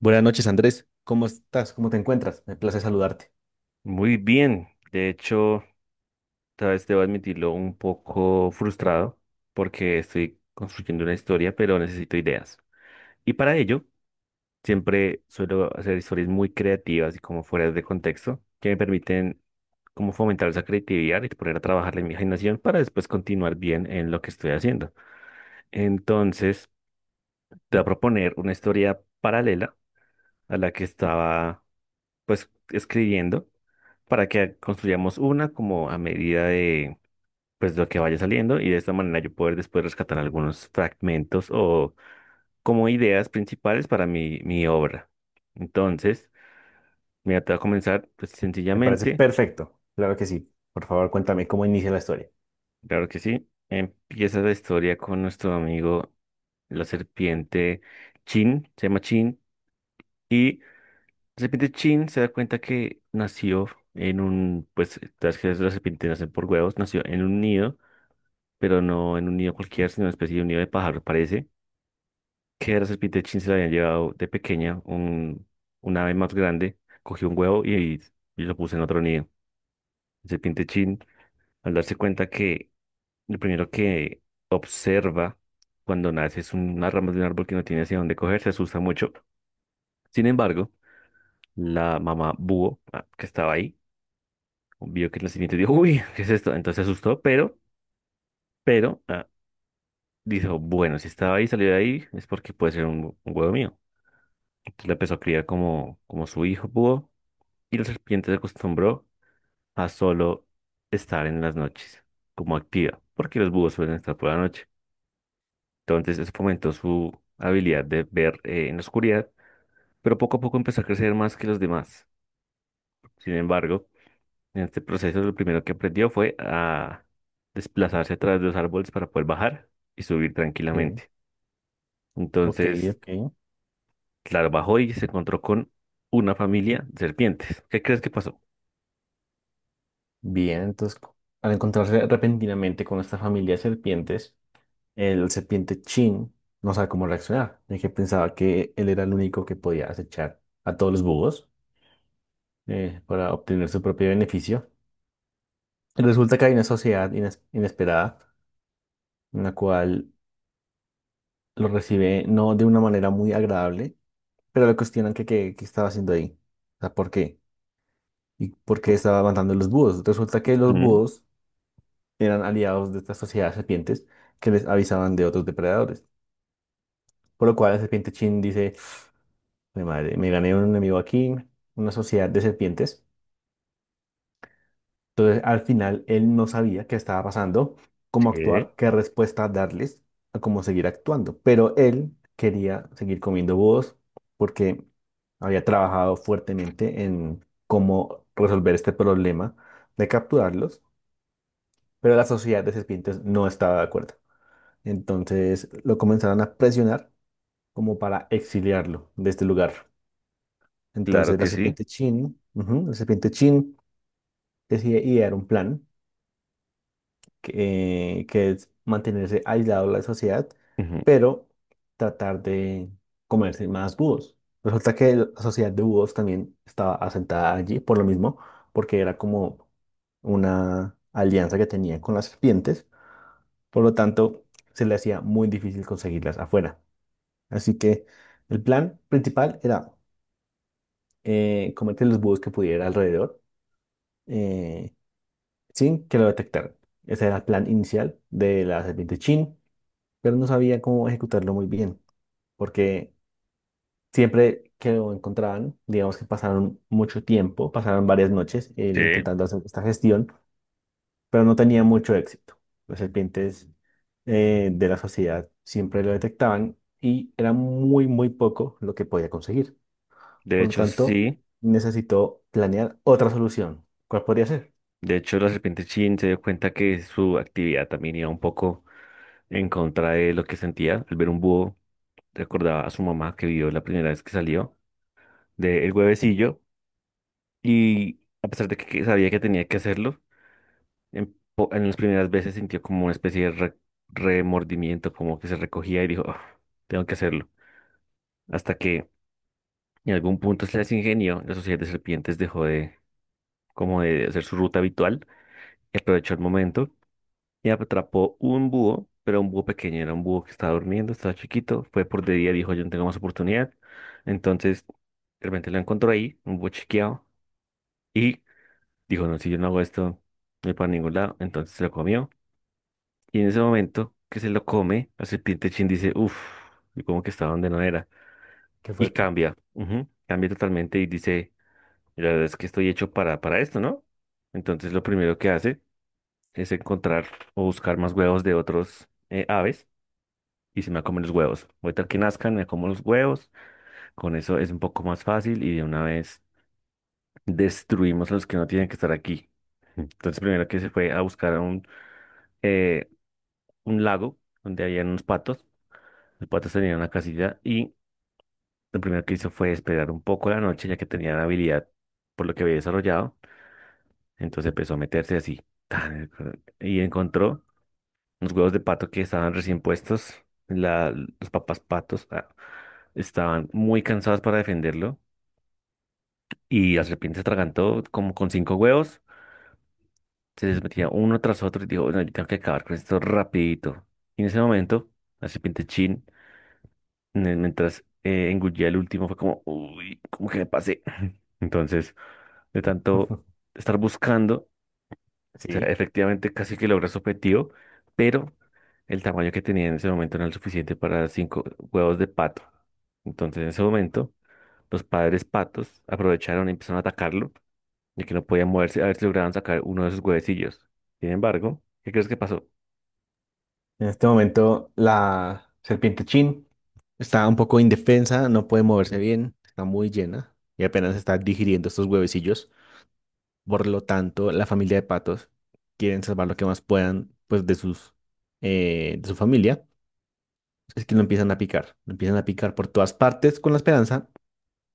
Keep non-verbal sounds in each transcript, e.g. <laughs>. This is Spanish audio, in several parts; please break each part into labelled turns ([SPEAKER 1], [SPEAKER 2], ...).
[SPEAKER 1] Buenas noches, Andrés. ¿Cómo estás? ¿Cómo te encuentras? Me place saludarte.
[SPEAKER 2] Muy bien, de hecho, tal vez debo admitirlo un poco frustrado porque estoy construyendo una historia, pero necesito ideas. Y para ello, siempre suelo hacer historias muy creativas y como fuera de contexto, que me permiten como fomentar esa creatividad y poner a trabajar la imaginación para después continuar bien en lo que estoy haciendo. Entonces, te voy a proponer una historia paralela a la que estaba pues escribiendo, para que construyamos una como a medida de pues lo que vaya saliendo, y de esta manera yo poder después rescatar algunos fragmentos o como ideas principales para mi obra. Entonces, mira, te voy a comenzar pues
[SPEAKER 1] Me parece
[SPEAKER 2] sencillamente.
[SPEAKER 1] perfecto. Claro que sí. Por favor, cuéntame cómo inicia la historia.
[SPEAKER 2] Claro que sí, empieza la historia con nuestro amigo la serpiente Chin, se llama Chin, y la serpiente Chin se da cuenta que nació en un, pues, las que las serpientes nacen por huevos, nació en un nido, pero no en un nido cualquiera, sino una especie de un nido de pájaro. Parece que a la serpiente se le habían llevado de pequeña, un, ave más grande cogió un huevo y lo puso en otro nido. El serpiente Chin, al darse cuenta que lo primero que observa cuando nace es una rama de un árbol que no tiene hacia dónde coger, se asusta mucho. Sin embargo, la mamá búho, que estaba ahí, vio que el serpiente, dijo: "Uy, ¿qué es esto?". Entonces se asustó, pero, pero, ah, dijo: "Bueno, si estaba ahí, salió de ahí, es porque puede ser un, huevo mío". Entonces la empezó a criar como su hijo búho, y la serpiente se acostumbró a solo estar en las noches como activa, porque los búhos suelen estar por la noche. Entonces eso fomentó su habilidad de ver en la oscuridad, pero poco a poco empezó a crecer más que los demás. Sin embargo, en este proceso lo primero que aprendió fue a desplazarse a través de los árboles para poder bajar y subir
[SPEAKER 1] Sí.
[SPEAKER 2] tranquilamente.
[SPEAKER 1] Ok,
[SPEAKER 2] Entonces,
[SPEAKER 1] ok.
[SPEAKER 2] claro, bajó y se encontró con una familia de serpientes. ¿Qué crees que pasó?
[SPEAKER 1] Bien, entonces, al encontrarse repentinamente con esta familia de serpientes, el serpiente Chin no sabe cómo reaccionar, ya que pensaba que él era el único que podía acechar a todos los búhos para obtener su propio beneficio. Y resulta que hay una sociedad inesperada en la cual lo recibe no de una manera muy agradable, pero le cuestionan que qué estaba haciendo ahí. O sea, ¿por qué? ¿Y por qué estaba matando a los búhos? Resulta que los
[SPEAKER 2] Ujú.
[SPEAKER 1] búhos eran aliados de esta sociedad de serpientes, que les avisaban de otros depredadores. Por lo cual la serpiente Chin dice, mi madre, me gané un enemigo aquí, una sociedad de serpientes. Entonces, al final, él no sabía qué estaba pasando, cómo
[SPEAKER 2] Sí,
[SPEAKER 1] actuar, qué respuesta darles, a cómo seguir actuando. Pero él quería seguir comiendo búhos porque había trabajado fuertemente en cómo resolver este problema de capturarlos, pero la sociedad de serpientes no estaba de acuerdo. Entonces, lo comenzaron a presionar como para exiliarlo de este lugar.
[SPEAKER 2] claro
[SPEAKER 1] Entonces, la
[SPEAKER 2] que sí.
[SPEAKER 1] serpiente Chin, ujú, la serpiente Chin decide idear un plan que es mantenerse aislado de la sociedad,
[SPEAKER 2] Ujú.
[SPEAKER 1] pero tratar de comerse más búhos. Resulta que la sociedad de búhos también estaba asentada allí por lo mismo, porque era como una alianza que tenía con las serpientes, por lo tanto se le hacía muy difícil conseguirlas afuera. Así que el plan principal era comerse los búhos que pudiera alrededor eh, sin que lo detectaran. Ese era el plan inicial de la serpiente Chin, pero no sabía cómo ejecutarlo muy bien, porque siempre que lo encontraban, digamos que pasaron mucho tiempo, pasaron varias noches
[SPEAKER 2] Sí.
[SPEAKER 1] intentando hacer esta gestión, pero no tenía mucho éxito. Los serpientes de la sociedad siempre lo detectaban y era muy, muy poco lo que podía conseguir.
[SPEAKER 2] De
[SPEAKER 1] Por lo
[SPEAKER 2] hecho,
[SPEAKER 1] tanto,
[SPEAKER 2] sí.
[SPEAKER 1] necesitó planear otra solución. ¿Cuál podría ser?
[SPEAKER 2] De hecho, la serpiente Chin se dio cuenta que su actividad también iba un poco en contra de lo que sentía. Al ver un búho, recordaba a su mamá, que vio la primera vez que salió del huevecillo. Y a pesar de que sabía que tenía que hacerlo, en las primeras veces sintió como una especie de remordimiento, como que se recogía y dijo: "Ah, tengo que hacerlo". Hasta que en algún punto se les ingenió: la sociedad de serpientes dejó de, como, de hacer su ruta habitual, y aprovechó el momento y atrapó un búho, pero un búho pequeño. Era un búho que estaba durmiendo, estaba chiquito, fue por de día, dijo: "Yo no tengo más oportunidad". Entonces, de repente lo encontró ahí, un búho chiqueado, y dijo: "No, si yo no hago esto, no voy para ningún lado". Entonces se lo comió, y en ese momento que se lo come, la serpiente Chin dice: "Uff", como que estaba donde no era,
[SPEAKER 1] Qué
[SPEAKER 2] y
[SPEAKER 1] fuerte.
[SPEAKER 2] cambia, ujú, cambia totalmente y dice: "La verdad es que estoy hecho para, esto, ¿no?". Entonces lo primero que hace es encontrar o buscar más huevos de otros, aves, y se me va a comer los huevos. Ahorita que nazcan, me como los huevos. Con eso es un poco más fácil y de una vez destruimos a los que no tienen que estar aquí. Entonces, primero que se fue a buscar a eh, un lago donde había unos patos. Los patos tenían una casilla, y lo primero que hizo fue esperar un poco la noche, ya que tenía la habilidad por lo que había desarrollado. Entonces empezó a meterse así tan, y encontró unos huevos de pato que estaban recién puestos. Los papás patos, estaban muy cansados para defenderlo. Y la serpiente se atragantó como con cinco huevos, se les metía uno tras otro, y dijo: "No, yo tengo que acabar con esto rapidito". Y en ese momento, la serpiente Chin, mientras engullía el último, fue como: "Uy, ¿cómo que me pasé?". <laughs> Entonces, de tanto
[SPEAKER 1] <laughs>
[SPEAKER 2] estar buscando, o sea,
[SPEAKER 1] Sí.
[SPEAKER 2] efectivamente casi que logra su objetivo, pero el tamaño que tenía en ese momento no era el suficiente para cinco huevos de pato. Entonces, en ese momento, los padres patos aprovecharon y empezaron a atacarlo, y que no podía moverse, a ver si lograban sacar uno de sus huevecillos. Sin embargo, ¿qué crees que pasó?
[SPEAKER 1] En este momento la serpiente Chin está un poco indefensa, no puede moverse bien, está muy llena y apenas está digiriendo estos huevecillos. Por lo tanto, la familia de patos quieren salvar lo que más puedan pues de sus de su familia. Es que lo empiezan a picar, lo empiezan a picar por todas partes con la esperanza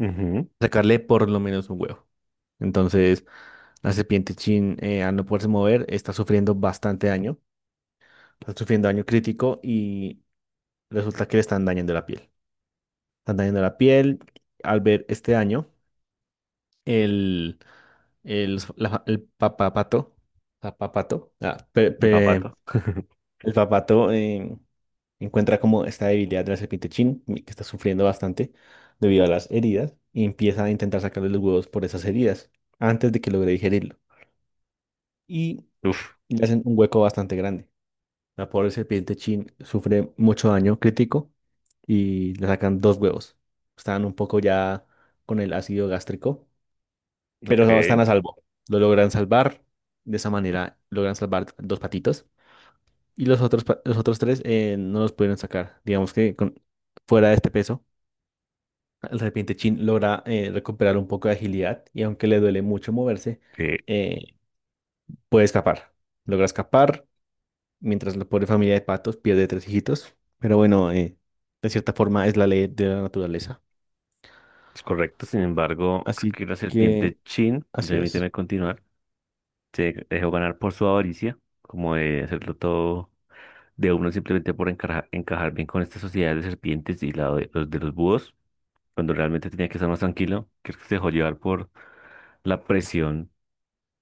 [SPEAKER 2] Ujú.
[SPEAKER 1] de sacarle por lo menos un huevo. Entonces, la serpiente Chin al no poderse mover está sufriendo bastante daño, está sufriendo daño crítico y resulta que le están dañando la piel. Están dañando la piel. Al ver este daño, el, el papapato, papapato,
[SPEAKER 2] El papato.
[SPEAKER 1] el papato encuentra como esta debilidad de la serpiente Chin, que está sufriendo bastante debido a las heridas, y empieza a intentar sacarle los huevos por esas heridas antes de que logre digerirlo. Y
[SPEAKER 2] Uf.
[SPEAKER 1] le hacen un hueco bastante grande. La pobre serpiente Chin sufre mucho daño crítico y le sacan dos huevos. Están un poco ya con el ácido gástrico, pero no, están
[SPEAKER 2] Ok.
[SPEAKER 1] a salvo. Lo logran salvar. De esa manera logran salvar dos patitos. Y los otros, los otros tres no los pudieron sacar. Digamos que fuera de este peso, el serpiente Chin logra recuperar un poco de agilidad y aunque le duele mucho moverse,
[SPEAKER 2] Sí,
[SPEAKER 1] eh, puede escapar. Logra escapar mientras la pobre familia de patos pierde tres hijitos. Pero bueno, de cierta forma es la ley de la naturaleza.
[SPEAKER 2] es correcto. Sin embargo, creo
[SPEAKER 1] Así
[SPEAKER 2] que la
[SPEAKER 1] que
[SPEAKER 2] serpiente Chin,
[SPEAKER 1] así es.
[SPEAKER 2] permíteme continuar, se dejó ganar por su avaricia, como de hacerlo todo de uno, simplemente por encajar, encajar bien con esta sociedad de serpientes y la de los búhos, cuando realmente tenía que estar más tranquilo. Creo que se dejó llevar por la presión,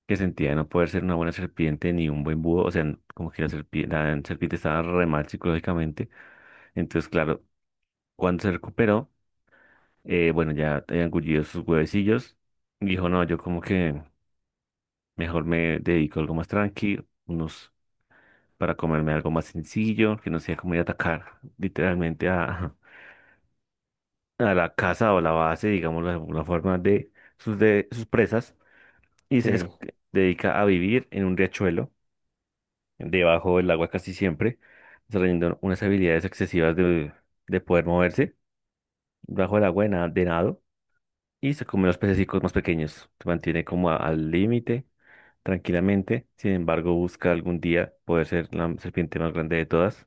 [SPEAKER 2] que sentía no poder ser una buena serpiente ni un buen búho. O sea, como que la serpiente estaba re mal psicológicamente. Entonces, claro, cuando se recuperó, bueno, ya había engullido sus huevecillos, y dijo: "No, yo como que mejor me dedico a algo más tranquilo, unos, para comerme algo más sencillo, que no sea como ir a atacar literalmente a, <laughs> a la casa o la base, digamos, de alguna forma, de sus, presas". Y
[SPEAKER 1] Sí.
[SPEAKER 2] dedica a vivir en un riachuelo, debajo del agua casi siempre, desarrollando unas habilidades excesivas de poder moverse bajo el agua, de, de nado, y se come los pececicos más pequeños. Se mantiene como al límite, tranquilamente. Sin embargo, busca algún día poder ser la serpiente más grande de todas.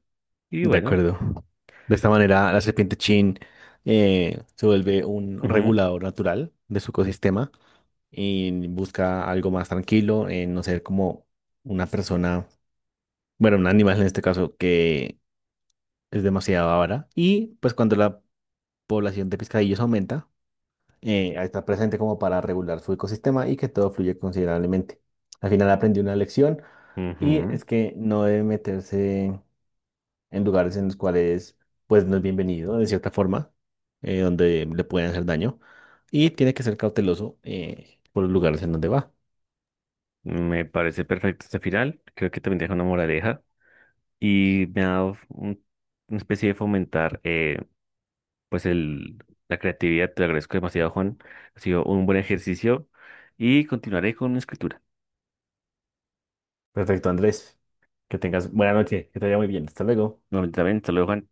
[SPEAKER 2] Y
[SPEAKER 1] De
[SPEAKER 2] bueno.
[SPEAKER 1] acuerdo. De esta manera, la serpiente Chin se vuelve un
[SPEAKER 2] Ujú.
[SPEAKER 1] regulador natural de su ecosistema y busca algo más tranquilo, en no ser como una persona, bueno, un animal en este caso, que es demasiado avara. Y pues cuando la población de pescadillos aumenta, está presente como para regular su ecosistema y que todo fluye considerablemente. Al final aprendí una lección y
[SPEAKER 2] Ujú.
[SPEAKER 1] es que no debe meterse en lugares en los cuales pues no es bienvenido de cierta forma, donde le pueden hacer daño y tiene que ser cauteloso por los lugares en donde va.
[SPEAKER 2] Me parece perfecto este final. Creo que también deja una moraleja y me ha dado una especie de fomentar, pues la creatividad. Te lo agradezco demasiado, Juan. Ha sido un buen ejercicio y continuaré con la escritura.
[SPEAKER 1] Perfecto, Andrés. Que tengas buena noche, que te vaya muy bien. Hasta luego.
[SPEAKER 2] Nuevamente también, hasta luego, Juan.